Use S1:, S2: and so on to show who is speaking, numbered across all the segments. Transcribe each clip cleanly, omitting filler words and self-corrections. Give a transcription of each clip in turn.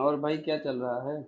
S1: और भाई क्या चल रहा है।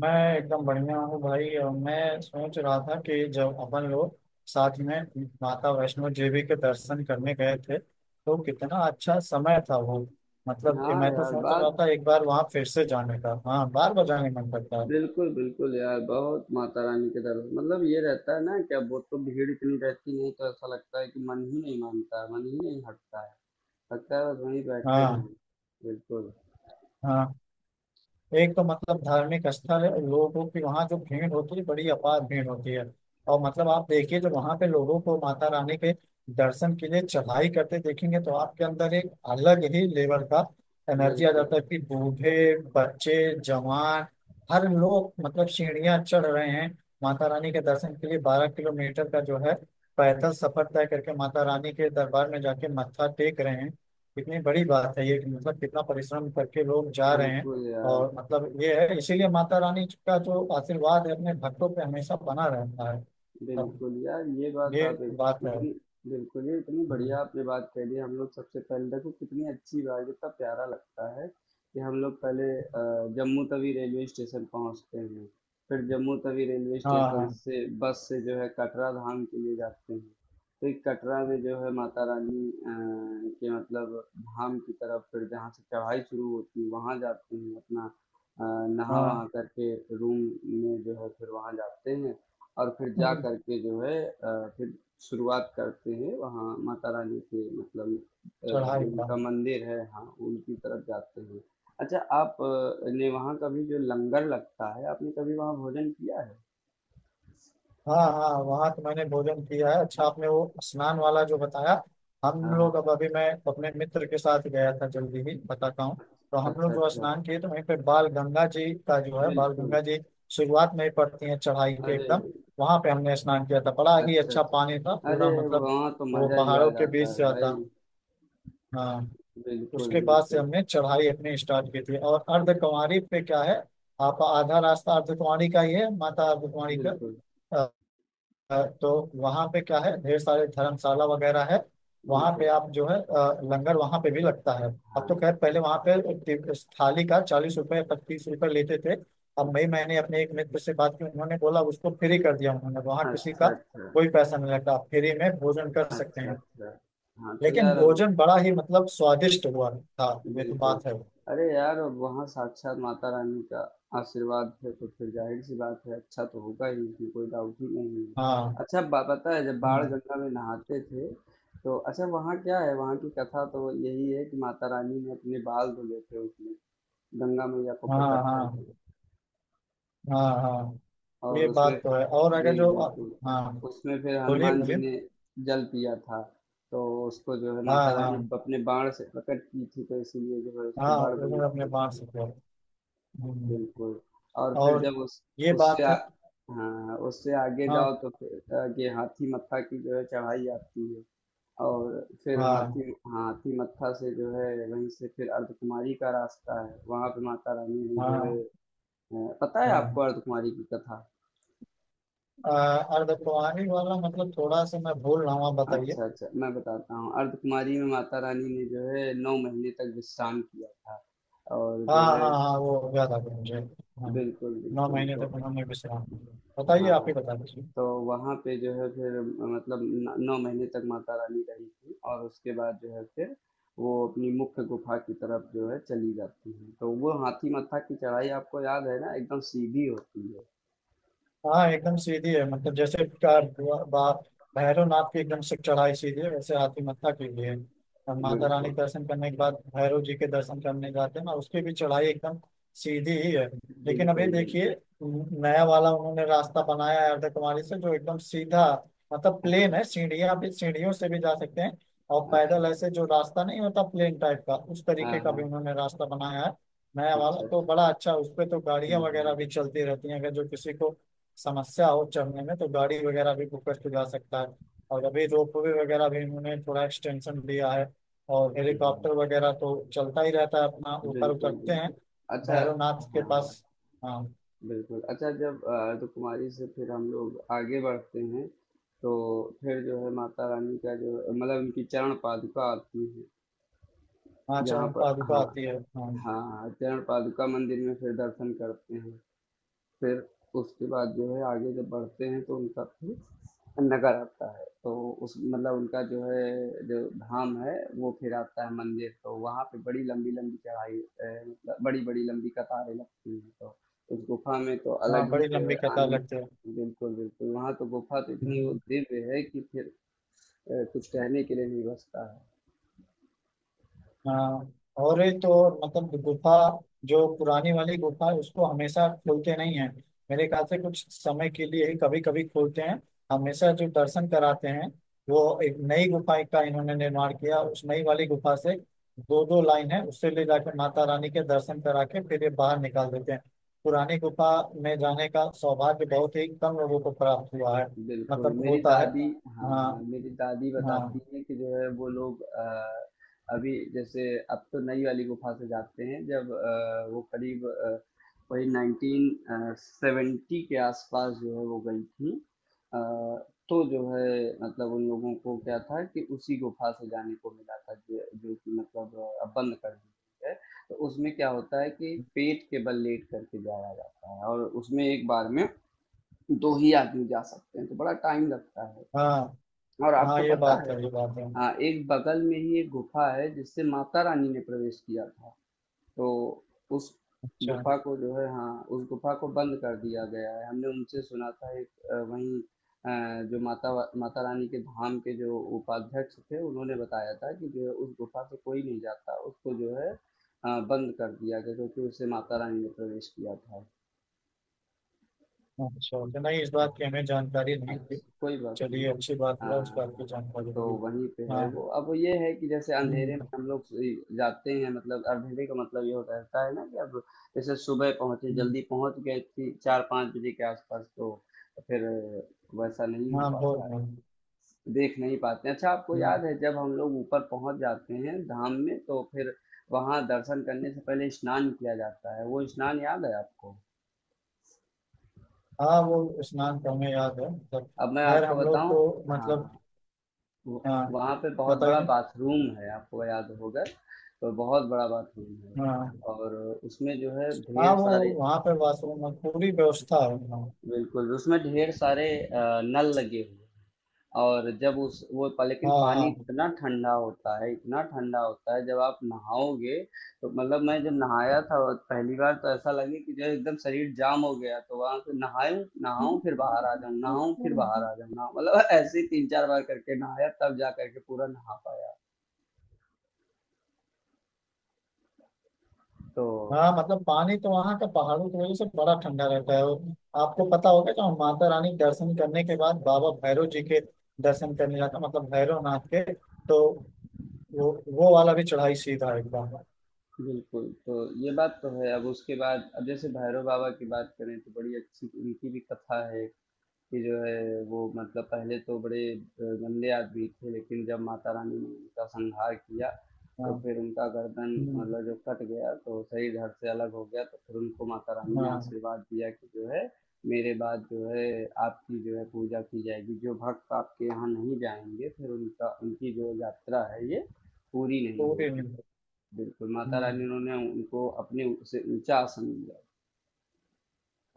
S2: मैं एकदम बढ़िया हूँ भाई। और मैं सोच रहा था कि जब अपन लोग साथ में माता वैष्णो देवी के दर्शन करने गए थे तो कितना अच्छा समय था वो। ये
S1: हाँ
S2: मैं तो
S1: यार,
S2: सोच रहा
S1: बात
S2: था एक बार वहाँ फिर से जाने का। हाँ, बार बार जाने का मन करता है।
S1: बिल्कुल बिल्कुल यार। बहुत माता रानी के दर मतलब ये रहता है ना कि अब वो तो भीड़ इतनी रहती नहीं तो ऐसा लगता है कि मन ही नहीं मानता है, मन ही नहीं हटता है। लगता है बस वहीं बैठे
S2: हाँ,
S1: रहें। बिल्कुल।
S2: हाँ। एक तो धार्मिक स्थल है और लोगों की वहाँ जो भीड़ होती है बड़ी अपार भीड़ होती है। और आप देखिए जो वहाँ पे लोगों को माता रानी के दर्शन के लिए चढ़ाई करते देखेंगे तो आपके अंदर एक अलग ही लेवल का एनर्जी आ
S1: बिल्कुल
S2: जाता है कि बूढ़े, बच्चे, जवान हर लोग सीढ़ियाँ चढ़ रहे हैं। माता रानी के दर्शन के लिए 12 किलोमीटर का जो है पैदल सफर तय करके माता रानी के दरबार में जाके मत्था टेक रहे हैं। कितनी बड़ी बात है ये कि कितना परिश्रम करके लोग जा रहे हैं।
S1: बिल्कुल यार।
S2: और ये है, इसीलिए माता रानी का जो आशीर्वाद है अपने भक्तों पे हमेशा बना रहता है। तब
S1: बिल्कुल, यार ये बात
S2: ये
S1: आप एक
S2: बात है।
S1: इतनी बिल्कुल, ये इतनी बढ़िया
S2: हम्म।
S1: आपने बात कह दी। हम लोग सबसे पहले देखो कितनी अच्छी बात, कितना प्यारा लगता है कि हम लोग पहले जम्मू तवी रेलवे स्टेशन पहुँचते हैं, फिर जम्मू तवी रेलवे
S2: हाँ
S1: स्टेशन
S2: हाँ
S1: से बस से जो है कटरा धाम के लिए जाते हैं। तो एक कटरा में जो है माता रानी के मतलब धाम की तरफ फिर जहाँ से चढ़ाई शुरू होती है वहाँ जाते हैं अपना अ, नहा
S2: हाँ।
S1: वहा करके रूम में जो है फिर वहाँ जाते हैं। और फिर जा
S2: हम्म।
S1: करके जो है फिर शुरुआत करते हैं वहाँ माता रानी के मतलब
S2: चढ़ाई
S1: जो
S2: का।
S1: उनका मंदिर है, हाँ, उनकी तरफ जाते हैं। अच्छा, आप ने वहाँ कभी जो लंगर लगता है आपने कभी वहाँ भोजन किया है?
S2: हाँ हाँ, वहाँ तो मैंने भोजन किया है। अच्छा, आपने वो स्नान वाला जो बताया, हम
S1: हाँ, हाँ।
S2: लोग अब अभी मैं अपने मित्र के साथ गया था जल्दी ही बताता हूँ। तो हम
S1: अच्छा
S2: लोग जो
S1: अच्छा।
S2: स्नान किए तो वहीं पे बाल गंगा जी का जो है, बाल
S1: बिल्कुल।
S2: गंगा जी शुरुआत में ही पड़ती है चढ़ाई के
S1: अरे,
S2: एकदम। वहां पे हमने स्नान किया था, बड़ा ही
S1: अच्छा
S2: अच्छा
S1: अच्छा,
S2: पानी था
S1: अरे
S2: पूरा।
S1: वहाँ तो
S2: वो
S1: मजा ही आ
S2: पहाड़ों के बीच
S1: जाता
S2: से
S1: है
S2: आता।
S1: भाई।
S2: हाँ।
S1: बिल्कुल
S2: उसके बाद से
S1: बिल्कुल।
S2: हमने चढ़ाई अपनी स्टार्ट की थी और अर्धकुंवारी पे क्या है, आप आधा रास्ता अर्धकुंवारी का ही है, माता अर्धकुंवारी का।
S1: बिल्कुल
S2: तो वहाँ पे क्या है, ढेर सारे धर्मशाला वगैरह है। वहाँ पे
S1: बिल्कुल।
S2: आप जो है लंगर वहाँ पे भी लगता है। अब
S1: हाँ,
S2: तो खैर
S1: हाँ।
S2: पहले वहाँ पे थाली का 40 रुपए, 25 रुपए लेते थे। अब मई
S1: अच्छा
S2: मैंने अपने एक मित्र से बात की, उन्होंने बोला उसको फ्री कर दिया उन्होंने, वहाँ किसी का
S1: अच्छा। अच्छा
S2: कोई पैसा नहीं लगता, आप फ्री में भोजन कर सकते
S1: अच्छा।
S2: हैं।
S1: अच्छा। हाँ, तो
S2: लेकिन
S1: यार अभी
S2: भोजन बड़ा ही स्वादिष्ट हुआ था। ये तो
S1: बिल्कुल।
S2: बात है।
S1: अरे यार! अब वहाँ साक्षात माता रानी का आशीर्वाद है तो फिर जाहिर सी बात है, अच्छा तो होगा ही, इसमें कोई डाउट ही नहीं है।
S2: हाँ।
S1: अच्छा, बा पता है जब बाण
S2: हम्म।
S1: गंगा में नहाते थे तो अच्छा वहाँ क्या है, वहाँ की कथा तो यही है कि माता रानी ने अपने बाल धुले थे उसमें, गंगा मैया को
S2: हाँ
S1: प्रकट
S2: हाँ
S1: करके,
S2: हाँ। हाँ,
S1: और
S2: ये
S1: उसमें
S2: बात तो है। और
S1: जी
S2: अगर जो,
S1: बिल्कुल
S2: हाँ,
S1: उसमें फिर
S2: बोलिए
S1: हनुमान जी
S2: बोलिए।
S1: ने जल पिया था। तो उसको जो है
S2: हाँ
S1: माता रानी
S2: हाँ।
S1: अपने बाण से प्रकट की थी तो इसीलिए जो है उसको
S2: हाँ
S1: बाण
S2: उन्होंने
S1: गंगा
S2: अपने बाप
S1: बोलते हैं।
S2: से किया। हम्म।
S1: बिल्कुल। और फिर
S2: और
S1: जब उस
S2: ये
S1: उससे
S2: बात है।
S1: हाँ उससे आगे
S2: हाँ
S1: जाओ तो फिर आगे हाथी मत्था की जो है चढ़ाई आती है। और फिर
S2: हाँ।
S1: हाथी, हाथी मत्था से जो है वहीं से फिर अर्धकुमारी का रास्ता है। वहां पे माता रानी ने जो है
S2: हाँ
S1: पता है आपको
S2: हाँ।
S1: अर्धकुमारी की कथा?
S2: अ, अर्धकुंवारी वाला थोड़ा सा मैं भूल रहा हूँ, आप बताइए।
S1: अच्छा अच्छा, मैं बताता हूँ। अर्धकुमारी में माता रानी ने जो है नौ महीने तक विश्राम किया था और
S2: हाँ
S1: जो है
S2: हाँ हाँ, वो याद आ गया मुझे। हाँ,
S1: बिल्कुल
S2: नौ
S1: बिल्कुल
S2: महीने
S1: तो
S2: तक उन्होंने विश्राम लिया। बताइए, आप
S1: हाँ
S2: ही बता दीजिए।
S1: तो वहाँ पे जो है फिर मतलब न 9 महीने तक माता रानी रही थीं और उसके बाद जो है फिर वो अपनी मुख्य गुफ़ा की तरफ जो है चली जाती हैं। तो वो हाथी मत्था की चढ़ाई आपको याद है ना, एकदम सीधी होती है।
S2: हाँ एकदम सीधी है, जैसे बा- भैरवनाथ की एकदम से चढ़ाई सीधी है, वैसे हाथी मत्था की भी है। और माता रानी
S1: बिल्कुल,
S2: के दर्शन करने के बाद भैरव जी के दर्शन करने जाते हैं ना, उसकी भी चढ़ाई एकदम सीधी ही है। लेकिन अभी
S1: बिल्कुल, बिल्कुल।
S2: देखिए, नया वाला उन्होंने रास्ता बनाया है अर्धकुमारी से, जो एकदम सीधा प्लेन
S1: अच्छा,
S2: है। सीढ़ियाँ भी, सीढ़ियों से भी जा सकते हैं। और
S1: अच्छा,
S2: पैदल
S1: अच्छा।
S2: ऐसे जो रास्ता नहीं होता प्लेन टाइप का, उस
S1: हाँ,
S2: तरीके का भी
S1: हाँ।
S2: उन्होंने रास्ता बनाया है। नया वाला
S1: अच्छा, अच्छा।
S2: तो बड़ा अच्छा, उस पे तो गाड़ियां
S1: हुँ,
S2: वगैरह भी
S1: हुँ,
S2: चलती रहती हैं। अगर जो किसी को समस्या हो चढ़ने में तो गाड़ी वगैरह भी बुक करके जा सकता है। और अभी रोप वे वगैरह भी इन्होंने थोड़ा एक्सटेंशन दिया है। और
S1: हुँ।
S2: हेलीकॉप्टर वगैरह तो चलता ही रहता है, अपना ऊपर
S1: बिल्कुल,
S2: उतरते हैं
S1: बिल्कुल। अच्छा।
S2: भैरवनाथ के
S1: हाँ।
S2: पास। हाँ।
S1: बिल्कुल। अच्छा जब अर्धकुमारी से फिर हम लोग आगे बढ़ते हैं, तो फिर जो है माता रानी का जो मतलब उनकी चरण पादुका आती है,
S2: वहाँ
S1: जहाँ
S2: चरण
S1: पर
S2: पादुका
S1: हाँ,
S2: आती है, हाँ।
S1: हाँ, हाँ, चरण पादुका मंदिर में फिर दर्शन करते हैं। फिर उसके बाद जो है आगे जब बढ़ते हैं तो उनका फिर नगर आता है तो उस मतलब उनका जो है जो धाम है वो फिर आता है मंदिर। तो वहाँ पे बड़ी लंबी लंबी चढ़ाई मतलब बड़ी बड़ी लंबी कतारें लगती हैं तो उस गुफा में तो
S2: वहाँ
S1: अलग ही
S2: बड़ी
S1: जो है
S2: लंबी कतार
S1: आनंद।
S2: लगती है।
S1: बिल्कुल बिल्कुल, वहाँ तो गुफा तो इतनी
S2: हम्म।
S1: वो दिव्य है कि फिर कुछ कहने के लिए नहीं बचता है।
S2: हाँ, और एक तो और गुफा जो पुरानी वाली गुफा है उसको हमेशा खोलते नहीं है। मेरे ख्याल से कुछ समय के लिए ही कभी कभी खोलते हैं। हमेशा जो दर्शन कराते हैं, वो एक नई गुफा का इन्होंने निर्माण किया। उस नई वाली गुफा से दो दो लाइन है, उससे ले जाकर माता रानी के दर्शन करा के फिर ये बाहर निकाल देते हैं। पुरानी गुफा में जाने का सौभाग्य बहुत ही कम लोगों को प्राप्त हुआ है।
S1: बिल्कुल, मेरी
S2: होता है।
S1: दादी, हाँ,
S2: हाँ
S1: हाँ, मेरी दादी बताती
S2: हाँ।
S1: हैं कि जो है वो लोग अभी जैसे अब तो नई वाली गुफ़ा से जाते हैं, जब वो करीब वही 1970 के आसपास जो है वो गई थी। अ, तो जो है मतलब उन लोगों को क्या था कि उसी गुफ़ा से जाने को मिला था जो जो कि मतलब अब बंद कर दी गई है। तो उसमें क्या होता है कि पेट के बल लेट करके जाया जाता है और उसमें एक बार में दो ही आदमी जा सकते हैं तो बड़ा टाइम लगता है।
S2: हाँ,
S1: और
S2: हाँ,
S1: आपको
S2: ये
S1: पता
S2: बात
S1: है
S2: है, ये बात है।
S1: हाँ एक बगल में ही एक गुफा है जिससे माता रानी ने प्रवेश किया था तो उस
S2: अच्छा।
S1: गुफा को जो है, हाँ, उस गुफा को बंद कर दिया गया है। हमने उनसे सुना था, एक वहीं जो माता माता रानी के धाम के जो उपाध्यक्ष थे उन्होंने बताया था कि जो है उस गुफा से कोई नहीं जाता, उसको जो है बंद कर दिया गया क्योंकि उससे माता रानी ने प्रवेश किया था।
S2: अच्छा, तो नहीं, इस बात की हमें जानकारी नहीं थी।
S1: अच्छा, कोई बात नहीं।
S2: चलिए, अच्छी बात हुआ, इस बात
S1: हाँ,
S2: की जानकारी
S1: तो
S2: हुई।
S1: वहीं पे है
S2: हाँ।
S1: वो। अब ये है कि जैसे अंधेरे में
S2: हम्म।
S1: हम लोग जाते हैं, मतलब अंधेरे का मतलब ये होता रहता है ना कि अब जैसे सुबह पहुंचे,
S2: हम्म।
S1: जल्दी पहुंच गए थी, चार पाँच बजे के आसपास, तो फिर वैसा नहीं हो
S2: हाँ, बहुत
S1: पाता है,
S2: बहुत।
S1: देख नहीं पाते हैं। अच्छा, आपको
S2: हम्म।
S1: याद है जब हम लोग ऊपर पहुंच जाते हैं धाम में तो फिर वहां दर्शन करने से पहले स्नान किया जाता है, वो स्नान याद है आपको?
S2: हाँ, वो स्नान तो हमें याद है
S1: अब मैं
S2: खैर
S1: आपको
S2: हम लोग
S1: बताऊं।
S2: तो
S1: हाँ, वो-
S2: हाँ।
S1: वहाँ पे बहुत बड़ा
S2: बताइए।
S1: बाथरूम है, आपको याद होगा, तो बहुत बड़ा बाथरूम है,
S2: हाँ
S1: और उसमें जो है
S2: हाँ,
S1: ढेर
S2: वो
S1: सारे
S2: वहाँ पे वाशरूम में पूरी व्यवस्था है, हाँ।
S1: बिल्कुल, उसमें ढेर सारे नल लगे हुए हैं। और जब उस वो लेकिन पानी
S2: हाँ
S1: इतना ठंडा होता है, इतना ठंडा होता है, जब आप नहाओगे तो मतलब, मैं जब नहाया था और पहली बार तो ऐसा लगे कि जो है एकदम शरीर जाम हो गया। तो वहां से नहाऊं, नहाऊं फिर बाहर आ जाऊं, नहाऊं फिर बाहर आ
S2: हाँ।
S1: जाऊं, नहाऊं, मतलब ऐसे ही तीन चार बार करके नहाया तब जा करके पूरा नहा पाया। तो
S2: हाँ पानी तो वहाँ का पहाड़ों की वजह से बड़ा ठंडा रहता है। और आपको पता होगा कि हम माता रानी के दर्शन करने के बाद बाबा भैरव जी के दर्शन करने जाते हैं, भैरव नाथ के। तो वो वो वाला भी चढ़ाई सीधा है एकदम।
S1: बिल्कुल, तो ये बात तो है। अब उसके बाद अब जैसे भैरव बाबा की बात करें तो बड़ी अच्छी उनकी भी कथा है, कि जो है वो मतलब पहले तो बड़े गंदे आदमी थे, लेकिन जब माता रानी ने उनका संहार किया तो
S2: हाँ।
S1: फिर उनका गर्दन
S2: हम्म।
S1: मतलब जो कट गया, तो सही धड़ से अलग हो गया, तो फिर उनको माता रानी ने
S2: हाँ।
S1: आशीर्वाद दिया कि जो है मेरे बाद जो है आपकी जो है पूजा की जाएगी, जो भक्त आपके यहाँ नहीं जाएंगे फिर उनका उनकी जो यात्रा है ये पूरी नहीं
S2: पूरी
S1: होगी।
S2: नहीं।
S1: बिल्कुल, माता
S2: हम्म।
S1: रानी उन्होंने उनको अपने से ऊँचा आसन दिया।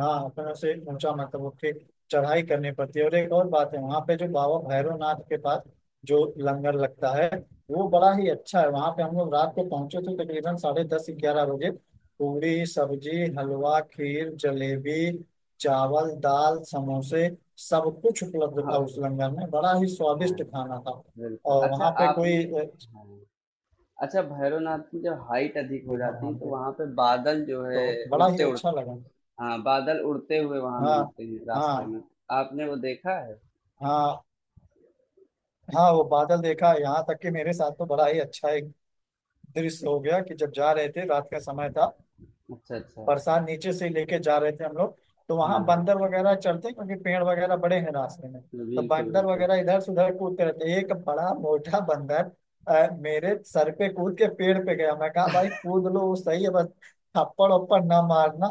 S2: हाँ, अपने से ऊंचा उठे चढ़ाई करनी पड़ती है। और एक और बात है, वहाँ पे जो बाबा भैरवनाथ के पास जो लंगर लगता है वो बड़ा ही अच्छा है। वहाँ पे हम लोग रात को पहुंचे थे तकरीबन साढ़े दस, ग्यारह बजे। पूरी, सब्जी, हलवा, खीर, जलेबी, चावल, दाल, समोसे, सब कुछ उपलब्ध था
S1: हाँ,
S2: उस लंगर में। बड़ा ही स्वादिष्ट खाना था।
S1: बिल्कुल।
S2: और
S1: अच्छा,
S2: वहाँ पे कोई
S1: आपने हाँ, अच्छा भैरवनाथ की जब हाइट अधिक हो
S2: था
S1: जाती
S2: वहाँ
S1: है तो
S2: पे
S1: वहाँ पे बादल जो
S2: तो
S1: है
S2: बड़ा ही
S1: उड़ते उड़
S2: अच्छा लगा।
S1: हाँ, बादल उड़ते हुए वहाँ
S2: हाँ।
S1: मिलते हैं रास्ते
S2: हाँ
S1: में। आपने वो देखा है?
S2: हाँ। हाँ वो बादल देखा। यहाँ तक कि मेरे साथ तो बड़ा ही अच्छा एक दृश्य हो गया कि जब जा रहे थे, रात का समय था,
S1: अच्छा, अच्छा।
S2: बरसात नीचे से लेके जा रहे थे हम लोग। तो वहां
S1: हाँ,
S2: बंदर
S1: हाँ।
S2: वगैरह चलते हैं, क्योंकि पेड़ वगैरह बड़े हैं रास्ते में, तो
S1: बिल्कुल,
S2: बंदर
S1: बिल्कुल।
S2: वगैरह इधर से उधर कूदते रहते हैं। एक बड़ा मोटा बंदर मेरे सर पे कूद के पेड़ पे गया। मैं कहा, भाई कूद लो वो सही है, बस थप्पड़ उप्पड़ ना मारना।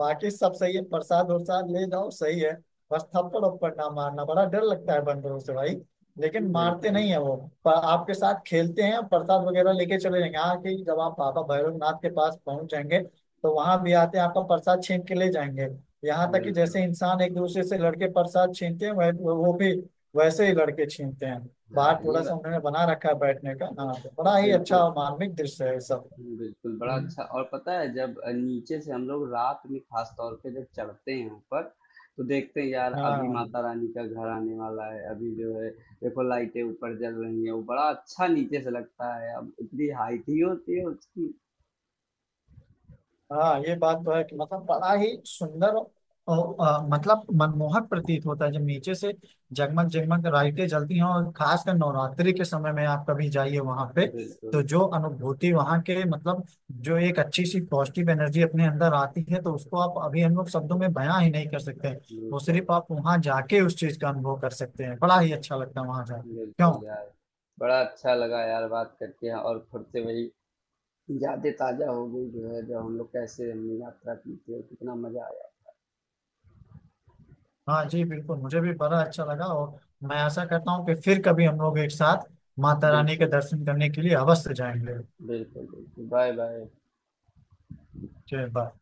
S2: बाकी सब सही है, प्रसाद वरसाद ले जाओ सही है, बस थप्पड़ उप्पड़ ना मारना। बड़ा डर लगता है बंदरों से भाई, लेकिन मारते
S1: बिल्कुल,
S2: नहीं है वो। पर आपके साथ खेलते हैं, प्रसाद वगैरह लेके चले जाएंगे। हाँ, कि जब आप बाबा भैरवनाथ के पास पहुंच जाएंगे तो वहां भी आते हैं, आपका प्रसाद छीन के ले जाएंगे। यहाँ तक कि
S1: बिल्कुल।
S2: जैसे इंसान एक दूसरे से लड़के प्रसाद छीनते हैं, वह वो भी वैसे ही लड़के छीनते हैं। बाहर
S1: हाँ, ये
S2: थोड़ा
S1: बा
S2: सा उन्होंने बना रखा है बैठने का, हाँ, तो बड़ा ही अच्छा
S1: बिल्कुल।
S2: और मार्मिक दृश्य है ये सब।
S1: हुँ, बिल्कुल, बड़ा
S2: हम्म।
S1: अच्छा। और पता है जब नीचे से हम लोग रात में ख़ास तौर पे जब चढ़ते हैं ऊपर, तो देखते हैं यार अभी
S2: हाँ
S1: माता रानी का घर आने वाला है, अभी जो है देखो लाइटें ऊपर जल रही हैं, वो बड़ा अच्छा नीचे से लगता है, अब इतनी हाइट ही होती है उसकी।
S2: हाँ, ये बात तो है कि बड़ा ही सुंदर और मनमोहक प्रतीत होता है जब नीचे से जगमग जगमग लाइटें जलती हैं। और खासकर नवरात्रि के समय में आप कभी जाइए वहां पे,
S1: बिल्कुल,
S2: तो जो अनुभूति वहां के जो एक अच्छी सी पॉजिटिव एनर्जी अपने अंदर आती है, तो उसको आप अभी हम लोग शब्दों में बयां ही नहीं कर सकते हैं। वो
S1: बिल्कुल,
S2: सिर्फ आप वहां जाके उस चीज का अनुभव कर सकते हैं, बड़ा ही अच्छा लगता है वहां जाकर, क्यों।
S1: बिल्कुल यार। बड़ा अच्छा लगा यार बात करके और फिर से वही यादें ताज़ा हो गई जो है, जब हम लोग कैसे हमने यात्रा की थी और कितना मज़ा आया।
S2: हाँ जी बिल्कुल, मुझे भी बड़ा अच्छा लगा। और मैं आशा करता हूँ कि फिर कभी हम लोग एक साथ माता रानी के
S1: बिल्कुल,
S2: दर्शन करने के लिए अवश्य जाएंगे।
S1: बिल्कुल, बिल्कुल। Bye, bye.
S2: जय बाबा।